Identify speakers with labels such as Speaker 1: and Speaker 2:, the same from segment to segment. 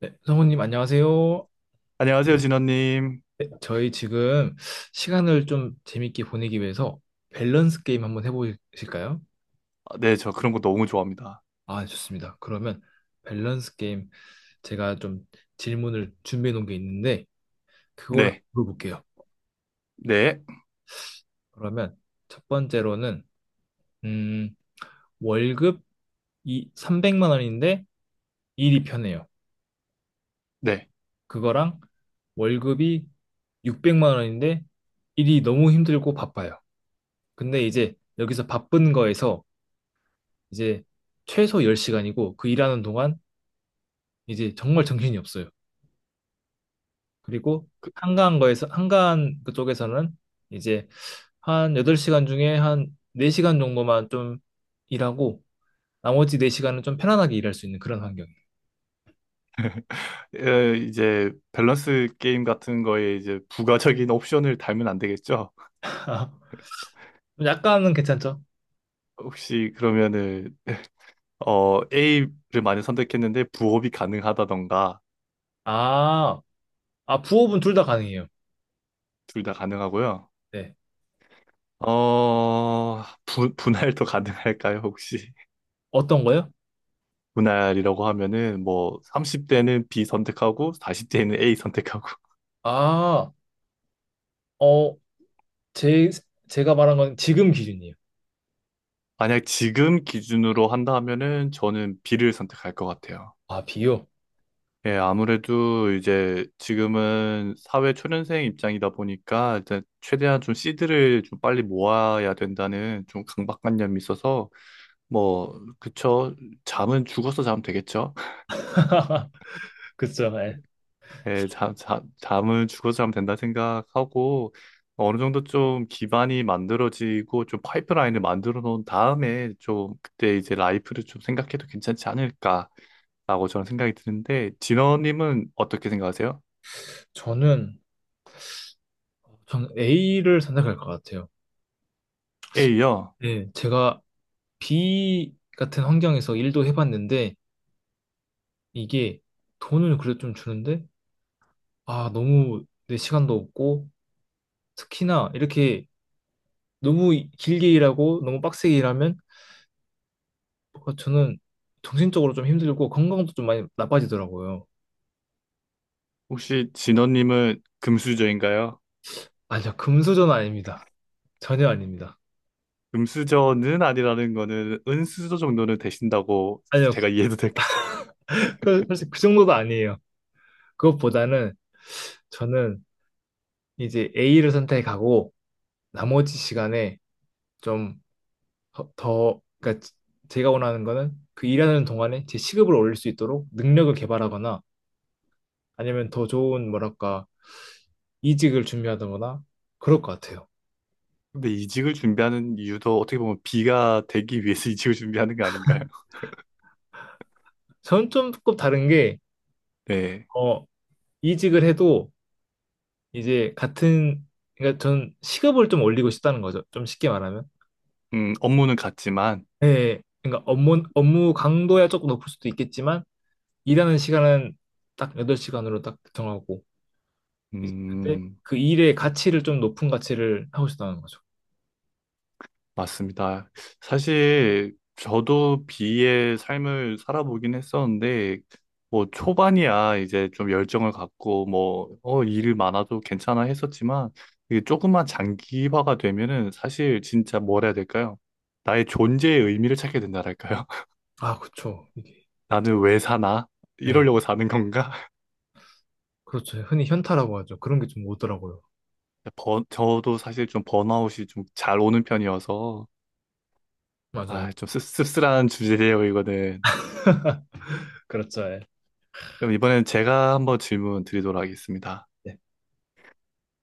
Speaker 1: 네, 성우님 안녕하세요.
Speaker 2: 안녕하세요, 진원님.
Speaker 1: 네, 저희 지금 시간을 좀 재밌게 보내기 위해서 밸런스 게임 한번 해보실까요?
Speaker 2: 아, 네, 저 그런 거 너무 좋아합니다.
Speaker 1: 아, 좋습니다. 그러면 밸런스 게임 제가 좀 질문을 준비해 놓은 게 있는데 그걸 한번
Speaker 2: 네,
Speaker 1: 물어볼게요.
Speaker 2: 네,
Speaker 1: 그러면 첫 번째로는 음, 월급 이 300만 원인데 일이 편해요.
Speaker 2: 네.
Speaker 1: 그거랑 월급이 600만 원인데 일이 너무 힘들고 바빠요. 근데 이제 여기서 바쁜 거에서 이제 최소 10시간이고 그 일하는 동안 이제 정말 정신이 없어요. 그리고 한가한 거에서 한가한 그쪽에서는 이제 한 8시간 중에 한 4시간 정도만 좀 일하고 나머지 4시간은 좀 편안하게 일할 수 있는 그런 환경이에요.
Speaker 2: 이제 밸런스 게임 같은 거에 이제 부가적인 옵션을 달면 안 되겠죠?
Speaker 1: 약간은 괜찮죠?
Speaker 2: 혹시 그러면은 A를 많이 선택했는데 부업이 가능하다던가
Speaker 1: 아, 아 부업은 둘 다 가능해요.
Speaker 2: 둘 다 가능하고요.
Speaker 1: 네.
Speaker 2: 분할도 가능할까요, 혹시?
Speaker 1: 어떤 거요?
Speaker 2: 분할이라고 하면은 뭐 30대는 B 선택하고 40대는 A 선택하고
Speaker 1: 아, 어, 제 제가 말한 건 지금 기준이에요.
Speaker 2: 만약 지금 기준으로 한다 하면은 저는 B를 선택할 것 같아요.
Speaker 1: 아, 비요?
Speaker 2: 예, 아무래도 이제 지금은 사회 초년생 입장이다 보니까 이제 최대한 좀 씨들을 좀 빨리 모아야 된다는 좀 강박관념이 있어서 뭐 그쵸, 잠은 죽어서 자면 되겠죠.
Speaker 1: 그쵸. 예.
Speaker 2: 예, 잠은 죽어서 자면 된다 생각하고 어느 정도 좀 기반이 만들어지고 좀 파이프라인을 만들어 놓은 다음에 좀 그때 이제 라이프를 좀 생각해도 괜찮지 않을까 라고 저는 생각이 드는데, 진원님은 어떻게 생각하세요?
Speaker 1: 저는 전 A를 선택할 것 같아요.
Speaker 2: A요.
Speaker 1: 네, 제가 B 같은 환경에서 일도 해봤는데 이게 돈은 그래도 좀 주는데 아 너무 내 시간도 없고 특히나 이렇게 너무 길게 일하고 너무 빡세게 일하면 뭔가 저는 정신적으로 좀 힘들고 건강도 좀 많이 나빠지더라고요.
Speaker 2: 혹시 진원님은 금수저인가요?
Speaker 1: 아니요, 금수저는 아닙니다. 전혀 아닙니다.
Speaker 2: 금수저는 아니라는 거는 은수저 정도는 되신다고
Speaker 1: 아니요,
Speaker 2: 제가 이해도 될까요?
Speaker 1: 그, 사실 그 정도도 아니에요. 그것보다는 저는 이제 A를 선택하고 나머지 시간에 좀 그러니까 제가 원하는 거는 그 일하는 동안에 제 시급을 올릴 수 있도록 능력을 개발하거나 아니면 더 좋은 뭐랄까 이직을 준비하거나 그럴 것 같아요.
Speaker 2: 근데 이직을 준비하는 이유도 어떻게 보면 B가 되기 위해서 이직을 준비하는 거 아닌가요?
Speaker 1: 저는 좀 조금 다른 게
Speaker 2: 네.
Speaker 1: 어, 이직을 해도 이제 같은 그러니까 전 시급을 좀 올리고 싶다는 거죠. 좀 쉽게 말하면.
Speaker 2: 업무는 같지만,
Speaker 1: 네, 그러니까 업무 강도야 조금 높을 수도 있겠지만 일하는 시간은 딱 8시간으로 딱 정하고 이제 그때
Speaker 2: 음,
Speaker 1: 그 일의 가치를 좀 높은 가치를 하고 싶다는 거죠.
Speaker 2: 맞습니다. 사실 저도 비의 삶을 살아보긴 했었는데 뭐 초반이야 이제 좀 열정을 갖고 뭐 일이 많아도 괜찮아 했었지만 이게 조금만 장기화가 되면은 사실 진짜 뭘 해야 될까요? 나의 존재의 의미를 찾게 된다랄까요?
Speaker 1: 아, 그쵸. 이게.
Speaker 2: 나는 왜 사나?
Speaker 1: 예,
Speaker 2: 이러려고 사는 건가?
Speaker 1: 그렇죠. 흔히 현타라고 하죠. 그런 게 좀 오더라고요.
Speaker 2: 저도 사실 좀 번아웃이 좀 잘 오는 편이어서
Speaker 1: 맞아요.
Speaker 2: 아, 좀 씁쓸한 주제예요, 이거는.
Speaker 1: 그렇죠. 예.
Speaker 2: 그럼 이번엔 제가 한번 질문 드리도록 하겠습니다.
Speaker 1: 네.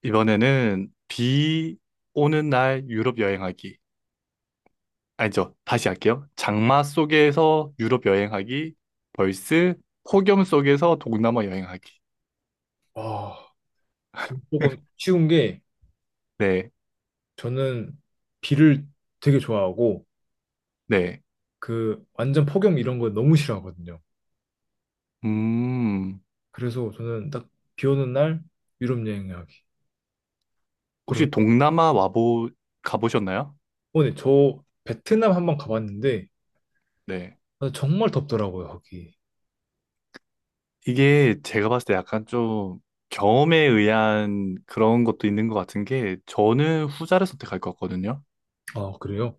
Speaker 2: 이번에는 비 오는 날 유럽 여행하기. 아니죠. 다시 할게요. 장마 속에서 유럽 여행하기. 벌스 폭염 속에서 동남아 여행하기.
Speaker 1: 아, 좀 조금 쉬운 게
Speaker 2: 네.
Speaker 1: 저는 비를 되게 좋아하고
Speaker 2: 네.
Speaker 1: 그 완전 폭염 이런 거 너무 싫어하거든요.
Speaker 2: 음.
Speaker 1: 그래서 저는 딱 비 오는 날 유럽 여행하기. 그런
Speaker 2: 혹시 동남아 와보 가보셨나요?
Speaker 1: 오늘 저 베트남 한번 가봤는데
Speaker 2: 네.
Speaker 1: 아, 정말 덥더라고요, 거기.
Speaker 2: 이게 제가 봤을 때 약간 좀 경험에 의한 그런 것도 있는 것 같은 게 저는 후자를 선택할 것 같거든요.
Speaker 1: 아, 그래요?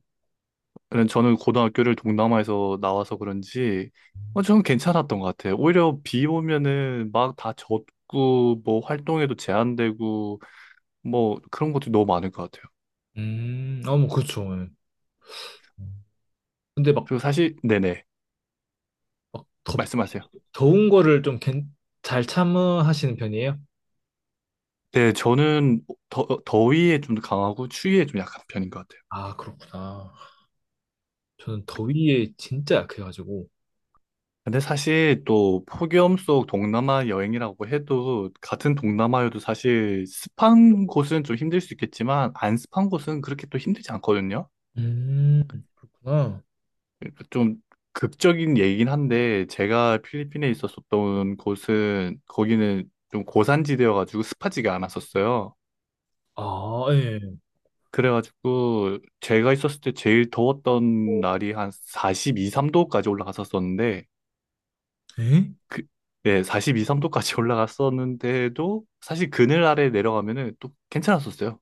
Speaker 2: 저는 고등학교를 동남아에서 나와서 그런지 저는 괜찮았던 것 같아요. 오히려 비 오면은 막 다 젖고 뭐 활동에도 제한되고 뭐 그런 것도 너무 많을 것 같아요.
Speaker 1: 아, 뭐 그렇죠. 예. 근데 막
Speaker 2: 그리고 사실 네네,
Speaker 1: 막 덥,
Speaker 2: 말씀하세요.
Speaker 1: 더운 거를 좀 잘 참으시는 편이에요?
Speaker 2: 네, 저는 더위에 좀 강하고 추위에 좀 약한 편인 것 같아요.
Speaker 1: 아, 그렇구나. 저는 더위에 진짜 약해가지고.
Speaker 2: 근데 사실 또 폭염 속 동남아 여행이라고 해도 같은 동남아여도 사실 습한 곳은 좀 힘들 수 있겠지만 안 습한 곳은 그렇게 또 힘들지 않거든요.
Speaker 1: 음, 그렇구나.
Speaker 2: 그러니까 좀 극적인 얘기긴 한데 제가 필리핀에 있었었던 곳은 거기는 좀 고산지대여가지고 습하지가 않았었어요.
Speaker 1: 아, 예.
Speaker 2: 그래가지고 제가 있었을 때 제일 더웠던 날이 한 42, 3도까지 올라갔었었는데
Speaker 1: 에?
Speaker 2: 그, 네, 42, 3도까지 올라갔었는데도 사실 그늘 아래 내려가면은 또 괜찮았었어요.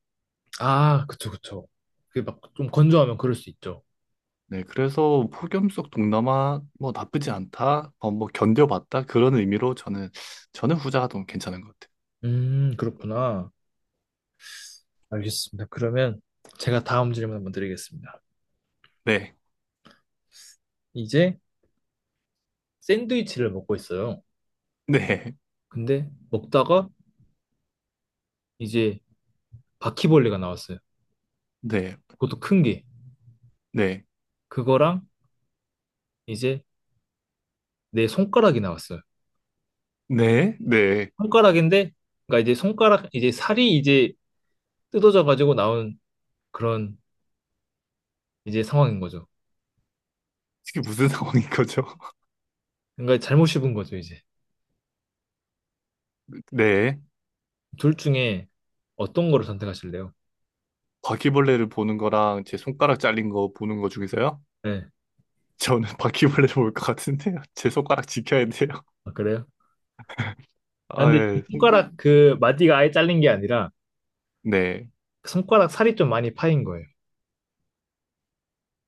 Speaker 1: 아, 그쵸, 그쵸. 그게 막 좀 건조하면 그럴 수 있죠.
Speaker 2: 네, 그래서 폭염 속 동남아 뭐 나쁘지 않다, 뭐 견뎌봤다 그런 의미로 저는 후자가 더 괜찮은 것 같아요.
Speaker 1: 그렇구나. 알겠습니다. 그러면 제가 다음 질문 한번 드리겠습니다.
Speaker 2: 네.
Speaker 1: 이제 샌드위치를 먹고 있어요.
Speaker 2: 네,
Speaker 1: 근데 먹다가 이제 바퀴벌레가 나왔어요.
Speaker 2: 네,
Speaker 1: 그것도 큰 게.
Speaker 2: 네,
Speaker 1: 그거랑 이제 내 손가락이 나왔어요.
Speaker 2: 네, 네.
Speaker 1: 손가락인데, 그러니까 이제 손가락, 이제 살이 이제 뜯어져 가지고 나온 그런 이제 상황인 거죠.
Speaker 2: 이게 무슨 상황인 거죠?
Speaker 1: 그러니까 잘못 씹은 거죠, 이제.
Speaker 2: 네.
Speaker 1: 둘 중에 어떤 거를 선택하실래요?
Speaker 2: 바퀴벌레를 보는 거랑 제 손가락 잘린 거 보는 거 중에서요?
Speaker 1: 네.
Speaker 2: 저는 바퀴벌레를 볼 것 같은데요. 제 손가락 지켜야 돼요.
Speaker 1: 아, 그래요? 아,
Speaker 2: 아,
Speaker 1: 근데 이
Speaker 2: 예.
Speaker 1: 손가락 그 마디가 아예 잘린 게 아니라
Speaker 2: 네.
Speaker 1: 그 손가락 살이 좀 많이 파인 거예요.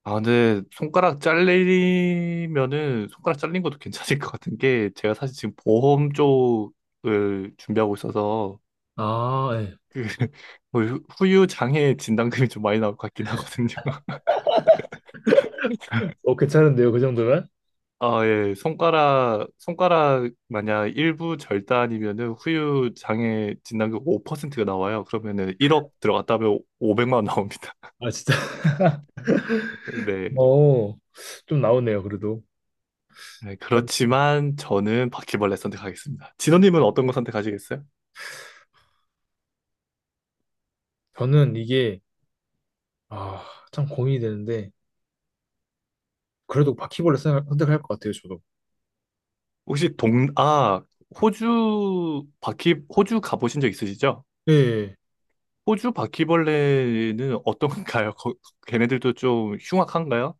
Speaker 2: 아, 근데 손가락 잘리면은 손가락 잘린 것도 괜찮을 것 같은 게 제가 사실 지금 보험 쪽을 준비하고 있어서
Speaker 1: 아, 예.
Speaker 2: 그 뭐 후유 장애 진단금이 좀 많이 나올 것 같긴 하거든요.
Speaker 1: 어, 괜찮은데요, 그 정도면?
Speaker 2: 아, 예. 손가락 만약 일부 절단이면은 후유 장애 진단금 5%가 나와요. 그러면은 1억 들어갔다 하면 500만 원 나옵니다.
Speaker 1: 아, 진짜.
Speaker 2: 네.
Speaker 1: 어, 좀 나오네요, 그래도.
Speaker 2: 네, 그렇지만 저는 바퀴벌레 선택하겠습니다. 진호님은 어떤 거 선택하시겠어요?
Speaker 1: 저는 이게, 아, 참 고민이 되는데, 그래도 선택할 것 같아요, 저도.
Speaker 2: 혹시 호주 호주 가보신 적 있으시죠?
Speaker 1: 예. 예.
Speaker 2: 호주 바퀴벌레는 어떤가요? 걔네들도 좀 흉악한가요?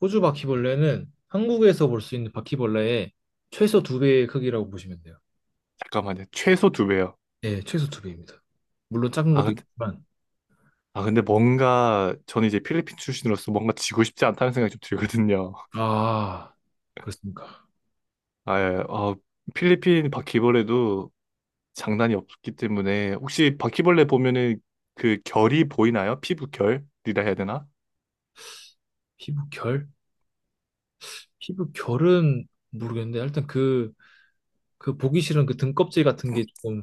Speaker 1: 호주 바퀴벌레는 한국에서 볼 수 있는 바퀴벌레의 최소 두 배의 크기라고 보시면 돼요.
Speaker 2: 잠깐만요. 최소 두 배요.
Speaker 1: 예, 최소 두 배입니다. 물론 작은 것도
Speaker 2: 아,
Speaker 1: 있지만,
Speaker 2: 근데 뭔가, 저는 이제 필리핀 출신으로서 뭔가 지고 싶지 않다는 생각이 좀 들거든요.
Speaker 1: 아, 그렇습니까.
Speaker 2: 아, 예. 필리핀 바퀴벌레도 장난이 없기 때문에, 혹시 바퀴벌레 보면은 그 결이 보이나요? 피부 결이라 해야 되나?
Speaker 1: 피부결? 피부결은 모르겠는데, 일단 그, 그 보기 싫은 그 등껍질 같은 게 조금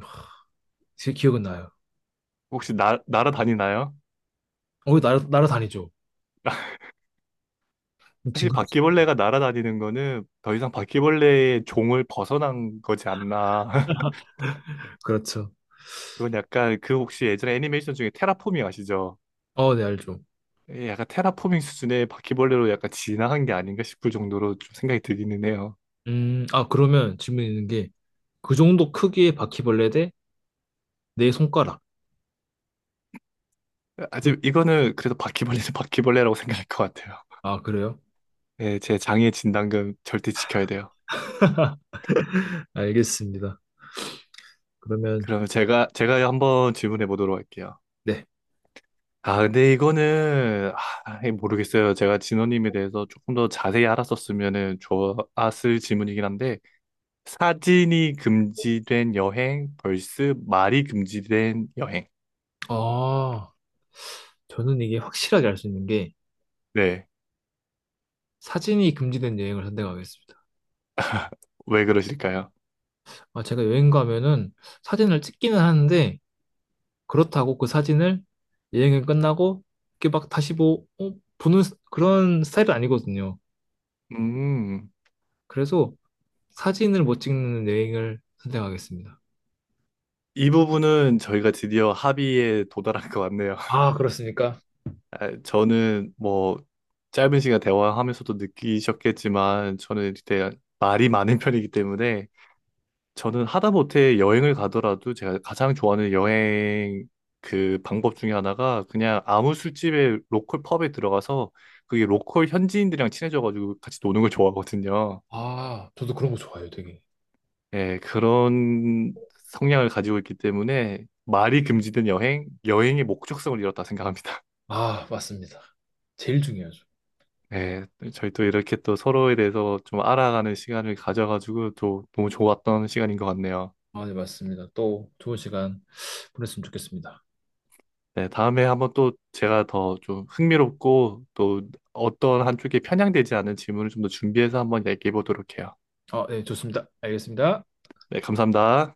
Speaker 1: 제 기억은 나요.
Speaker 2: 혹시 날아다니나요?
Speaker 1: 어, 날아다니죠. 징
Speaker 2: 사실
Speaker 1: 그
Speaker 2: 바퀴벌레가 날아다니는 거는 더 이상 바퀴벌레의 종을 벗어난 거지 않나.
Speaker 1: 그렇죠.
Speaker 2: 그건 약간 그 혹시 예전에 애니메이션 중에 테라포밍 아시죠?
Speaker 1: 어, 네, 알죠.
Speaker 2: 예, 약간 테라포밍 수준의 바퀴벌레로 약간 진화한 게 아닌가 싶을 정도로 좀 생각이 들기는 해요.
Speaker 1: 아, 그러면 질문 있는 게, 그 정도 크기의 바퀴벌레 대 내 손가락.
Speaker 2: 아직 이거는 그래도 바퀴벌레는 바퀴벌레라고 생각할 것 같아요.
Speaker 1: 아, 그래요?
Speaker 2: 예, 제 장애 진단금 절대 지켜야 돼요.
Speaker 1: 알겠습니다. 그러면,
Speaker 2: 그러면 제가 한번 질문해 보도록 할게요.
Speaker 1: 네.
Speaker 2: 아, 근데 이거는 아, 예, 모르겠어요. 제가 진호님에 대해서 조금 더 자세히 알았었으면 좋았을 질문이긴 한데 사진이 금지된 여행 vs 말이 금지된 여행.
Speaker 1: 아, 저는 이게 확실하게 알 수 있는 게
Speaker 2: 네,
Speaker 1: 사진이 금지된 여행을 선택하겠습니다.
Speaker 2: 왜 그러실까요?
Speaker 1: 아, 제가 여행 가면은 사진을 찍기는 하는데 그렇다고 그 사진을 여행이 끝나고 이렇게 막 다시 뭐 어, 그런 스타일은 아니거든요.
Speaker 2: 음.
Speaker 1: 그래서 사진을 못 찍는 여행을 선택하겠습니다.
Speaker 2: 이 부분은 저희가 드디어 합의에 도달한 것 같네요.
Speaker 1: 아, 그렇습니까?
Speaker 2: 아, 저는 뭐 짧은 시간 대화하면서도 느끼셨겠지만 저는 되게 말이 많은 편이기 때문에 저는 하다못해 여행을 가더라도 제가 가장 좋아하는 여행 그 방법 중에 하나가 그냥 아무 술집에, 로컬 펍에 들어가서 그게 로컬 현지인들이랑 친해져가지고 같이 노는 걸 좋아하거든요.
Speaker 1: 아, 저도 그런 거 좋아해요, 되게.
Speaker 2: 예, 그런 성향을 가지고 있기 때문에 말이 금지된 여행, 여행의 목적성을 잃었다 생각합니다.
Speaker 1: 아, 맞습니다. 제일 중요하죠.
Speaker 2: 네, 저희 또 이렇게 또 서로에 대해서 좀 알아가는 시간을 가져가지고 또 너무 좋았던 시간인 것 같네요.
Speaker 1: 아, 네, 맞습니다. 또 좋은 시간 보냈으면 좋겠습니다.
Speaker 2: 네, 다음에 한번 또 제가 더 좀 흥미롭고 또 어떤 한쪽에 편향되지 않은 질문을 좀 더 준비해서 한번 얘기해 보도록 해요.
Speaker 1: 아, 네, 좋습니다. 알겠습니다.
Speaker 2: 네, 감사합니다.